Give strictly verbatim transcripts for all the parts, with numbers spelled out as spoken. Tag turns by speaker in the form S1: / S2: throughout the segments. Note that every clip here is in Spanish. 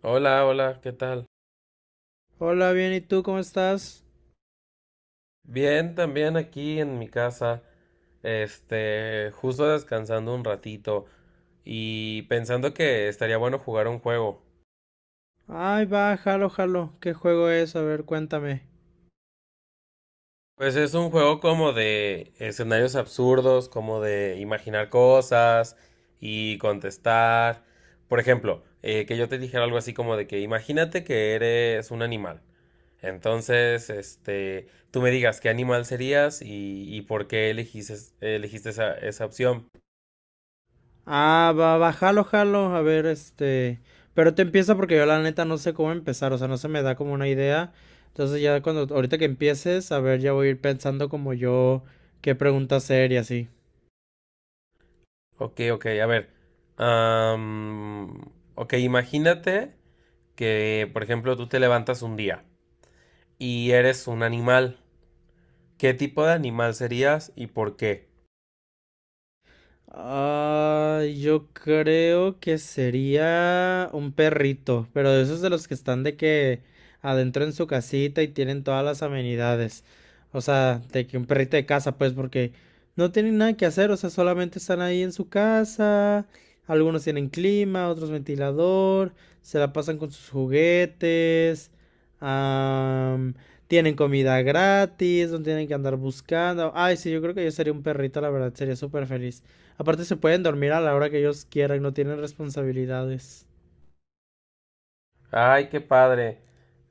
S1: Hola, hola, ¿qué tal?
S2: Hola, bien, ¿y tú cómo estás?
S1: Bien, también aquí en mi casa, este, justo descansando un ratito y pensando que estaría bueno jugar un juego.
S2: Ay, va, jalo, jalo. ¿Qué juego es? A ver, cuéntame.
S1: Pues es un juego como de escenarios absurdos, como de imaginar cosas y contestar. Por ejemplo, eh, que yo te dijera algo así como de que imagínate que eres un animal. Entonces, este, tú me digas qué animal serías y, y por qué elegiste, elegiste esa, esa opción.
S2: Ah, va, va, jalo, jalo. A ver, este. Pero te empieza porque yo la neta no sé cómo empezar, o sea, no se me da como una idea. Entonces ya cuando, ahorita que empieces, a ver, ya voy a ir pensando como yo qué pregunta hacer y así.
S1: Ok, ok, a ver. am, ok, imagínate que, por ejemplo, tú te levantas un día y eres un animal. ¿Qué tipo de animal serías y por qué?
S2: Ah, yo creo que sería un perrito, pero de esos de los que están de que adentro en su casita y tienen todas las amenidades. O sea, de que un perrito de casa, pues, porque no tienen nada que hacer, o sea, solamente están ahí en su casa. Algunos tienen clima, otros ventilador, se la pasan con sus juguetes, am, tienen comida gratis, no tienen que andar buscando. Ay, sí, yo creo que yo sería un perrito, la verdad, sería súper feliz. Aparte se pueden dormir a la hora que ellos quieran, no tienen responsabilidades.
S1: Ay, qué padre.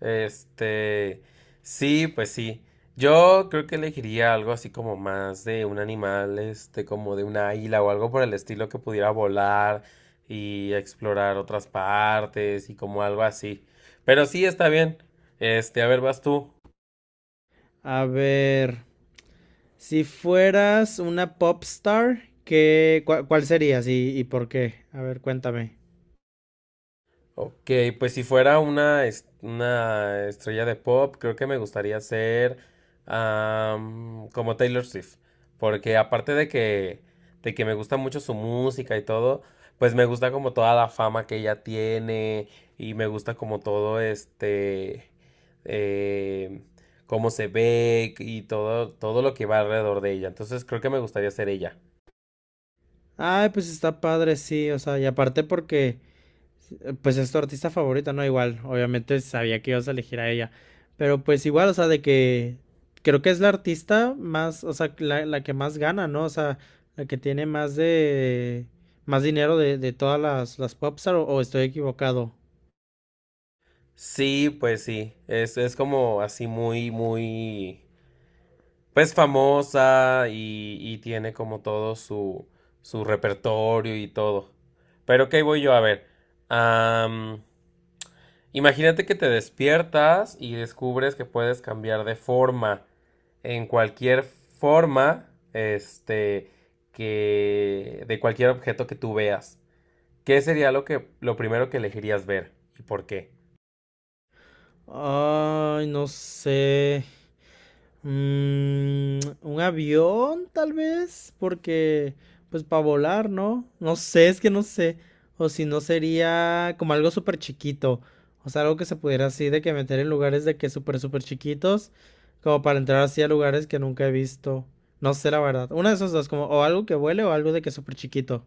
S1: Este, sí, pues sí. Yo creo que elegiría algo así como más de un animal, este, como de una águila o algo por el estilo que pudiera volar y explorar otras partes y como algo así. Pero sí, está bien. Este, a ver, vas tú.
S2: A ver, si fueras una pop star, ¿qué, cua- ¿cuál serías y, y por qué? A ver, cuéntame.
S1: Ok, pues si fuera una, es- una estrella de pop, creo que me gustaría ser am, como Taylor Swift, porque aparte de que, de que me gusta mucho su música y todo, pues me gusta como toda la fama que ella tiene y me gusta como todo este, eh, cómo se ve y todo, todo lo que va alrededor de ella. Entonces creo que me gustaría ser ella.
S2: Ay, pues está padre, sí, o sea, y aparte porque eh, pues es tu artista favorita, ¿no? Igual, obviamente sabía que ibas a elegir a ella. Pero pues igual, o sea, de que creo que es la artista más, o sea, la, la que más gana, ¿no? O sea, la que tiene más de, más dinero de, de todas las, las popstar, o, o estoy equivocado.
S1: Sí, pues sí, es, es como así muy, muy... pues famosa y, y tiene como todo su, su repertorio y todo. Pero ¿qué voy yo a ver? am, Imagínate que te despiertas y descubres que puedes cambiar de forma. En cualquier forma, este, que, de cualquier objeto que tú veas. ¿Qué sería lo que, lo primero que elegirías ver? ¿Y por qué?
S2: Ay, no sé. Mm, un avión, tal vez, porque, pues para volar, ¿no? No sé, es que no sé. O si no sería como algo súper chiquito. O sea, algo que se pudiera así de que meter en lugares de que súper, súper chiquitos. Como para entrar así a lugares que nunca he visto. No sé, la verdad. Una de esas dos, como o algo que vuele o algo de que es súper chiquito.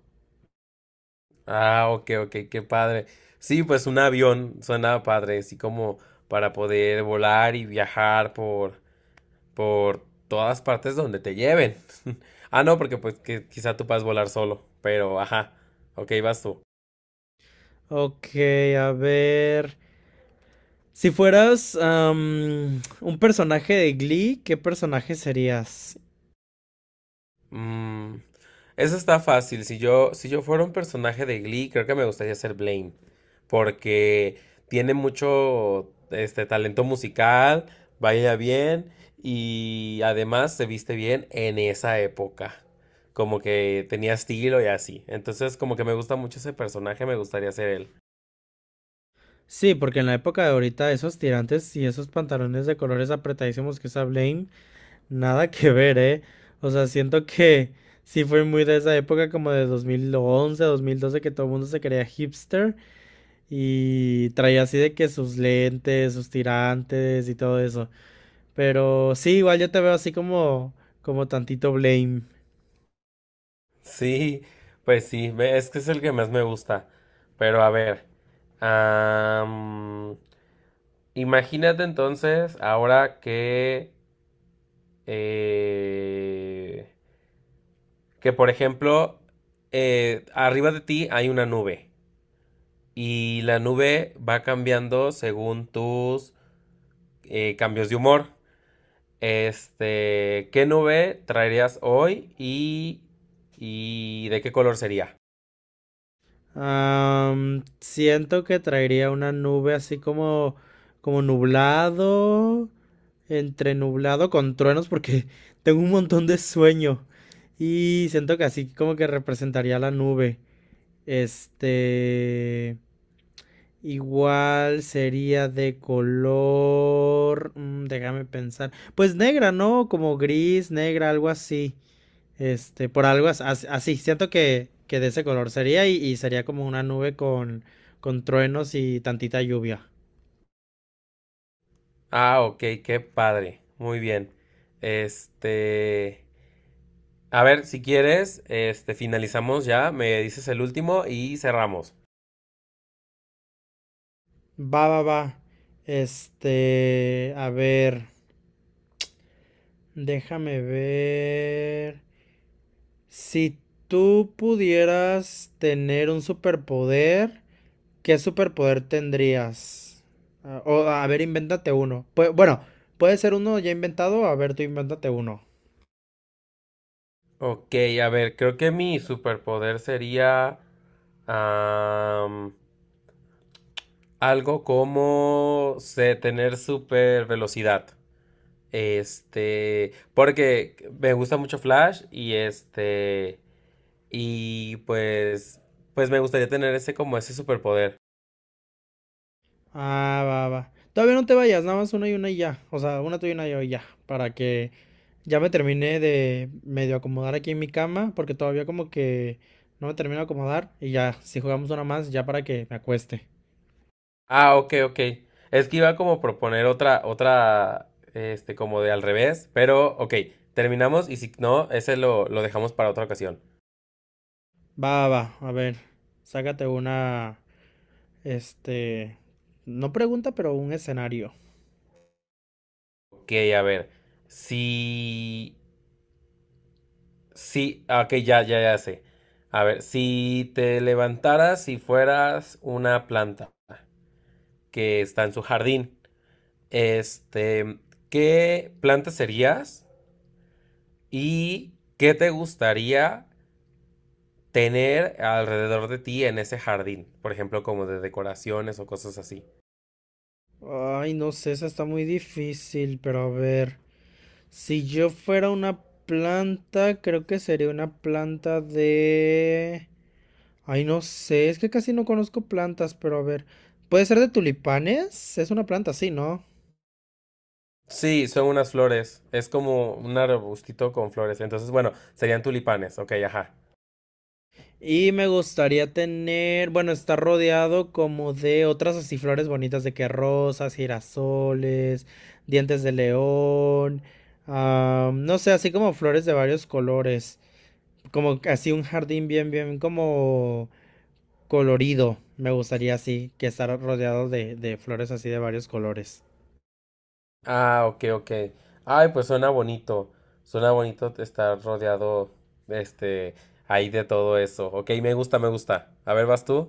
S1: Ah, ok, ok, qué padre. Sí, pues un avión suena padre, así como para poder volar y viajar por, por todas partes donde te lleven. Ah, no, porque pues que quizá tú puedas volar solo, pero ajá. Ok, vas tú.
S2: Ok, a ver. Si fueras am, un personaje de Glee, ¿qué personaje serías?
S1: Mm, eso está fácil. Si yo, si yo fuera un personaje de Glee, creo que me gustaría ser Blaine. Porque tiene mucho este talento musical, baila bien y además se viste bien en esa época. Como que tenía estilo y así. Entonces, como que me gusta mucho ese personaje, me gustaría ser él.
S2: Sí, porque en la época de ahorita esos tirantes y esos pantalones de colores apretadísimos que usa Blame, nada que ver, ¿eh? O sea, siento que sí fue muy de esa época como de dos dos mil once, dos mil doce, que todo el mundo se creía hipster y traía así de que sus lentes, sus tirantes y todo eso. Pero sí, igual yo te veo así como como tantito Blame.
S1: Sí, pues sí, ve- es que es el que más me gusta. Pero a ver. am, Imagínate entonces ahora que, eh, que por ejemplo, eh, arriba de ti hay una nube y la nube va cambiando según tus eh, cambios de humor. Este, ¿qué nube traerías hoy y, y de qué color sería?
S2: Am, siento que traería una nube así como como nublado entre nublado con truenos porque tengo un montón de sueño y siento que así como que representaría la nube. Este, igual sería de color, mm, déjame pensar, pues negra, ¿no? Como gris, negra, algo así. Este, por algo as- as- así, siento que, que de ese color sería, y, y sería como una nube con, con truenos y tantita lluvia.
S1: Ah, ok, qué padre. Muy bien. Este, a ver, si quieres, este, finalizamos ya, me dices el último y cerramos.
S2: Va, va, va. Este, a ver. Déjame ver. Si tú pudieras tener un superpoder, ¿qué superpoder tendrías? Ah, o, a ver, invéntate uno. Pue- bueno, puede ser uno ya inventado. A ver, tú invéntate uno.
S1: Ok, a ver, creo que mi superpoder sería am, algo como sé, tener super velocidad. Este, porque me gusta mucho Flash y este, y pues, pues me gustaría tener ese como ese superpoder.
S2: Ah, va, va. Todavía no te vayas, nada más una y una y ya. O sea, una tú y una yo y ya. Para que ya me termine de medio acomodar aquí en mi cama, porque todavía como que no me termino de acomodar. Y ya, si jugamos una más, ya para que me acueste.
S1: Ah, ok, ok. Es que iba como a proponer otra, otra, este, como de al revés, pero ok, terminamos y si no, ese lo, lo dejamos para otra ocasión.
S2: Va, va, a ver, sácate una, este, no pregunta, pero un escenario.
S1: Ok, a ver. Si. Si. ah, Ok, ya, ya, ya sé. A ver, si te levantaras y fueras una planta que está en su jardín, este, ¿qué planta serías y qué te gustaría tener alrededor de ti en ese jardín? Por ejemplo, como de decoraciones o cosas así.
S2: Ay, no sé, esa está muy difícil, pero a ver, si yo fuera una planta, creo que sería una planta de... Ay, no sé, es que casi no conozco plantas, pero a ver, ¿puede ser de tulipanes? Es una planta, sí, ¿no?
S1: Sí, son unas flores. Es como un arbustito con flores. Entonces, bueno, serían tulipanes. Ok, ajá.
S2: Y me gustaría tener, bueno, estar rodeado como de otras así flores bonitas de que rosas, girasoles, dientes de león, ah, no sé, así como flores de varios colores, como así un jardín bien, bien como colorido, me gustaría así, que estar rodeado de, de flores así de varios colores.
S1: Ah, ok, ok. Ay, pues suena bonito. Suena bonito estar rodeado, este, ahí de todo eso. Ok, me gusta, me gusta. A ver, ¿vas tú?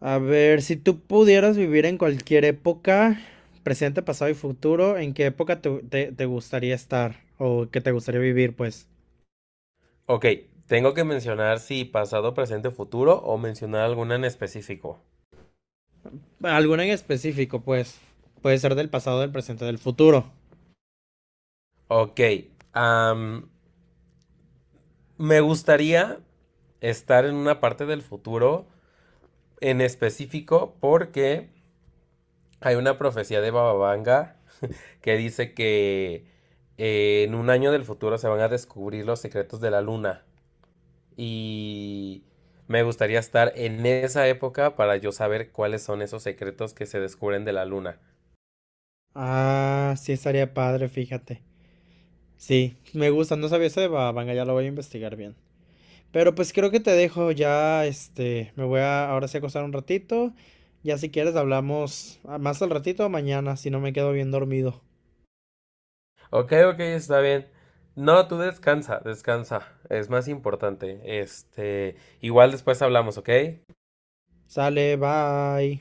S2: A ver, si tú pudieras vivir en cualquier época, presente, pasado y futuro, ¿en qué época te, te te gustaría estar o que te gustaría vivir, pues?
S1: Ok, tengo que mencionar si pasado, presente, futuro o mencionar alguna en específico.
S2: Alguna en específico, pues. Puede ser del pasado, del presente, del futuro.
S1: Ok, am, me gustaría estar en una parte del futuro en específico porque hay una profecía de Bababanga que dice que eh, en un año del futuro se van a descubrir los secretos de la luna y me gustaría estar en esa época para yo saber cuáles son esos secretos que se descubren de la luna.
S2: Ah, sí estaría padre, fíjate. Sí, me gusta, no sabía eso de Bababanga, ya lo voy a investigar bien. Pero pues creo que te dejo ya, este, me voy a ahora sí a acostar un ratito. Ya si quieres hablamos ah, más al ratito o mañana, si no me quedo bien dormido.
S1: Ok, ok, está bien. No, tú descansa, descansa. Es más importante. Este, igual después hablamos, ¿ok?
S2: Sale, bye.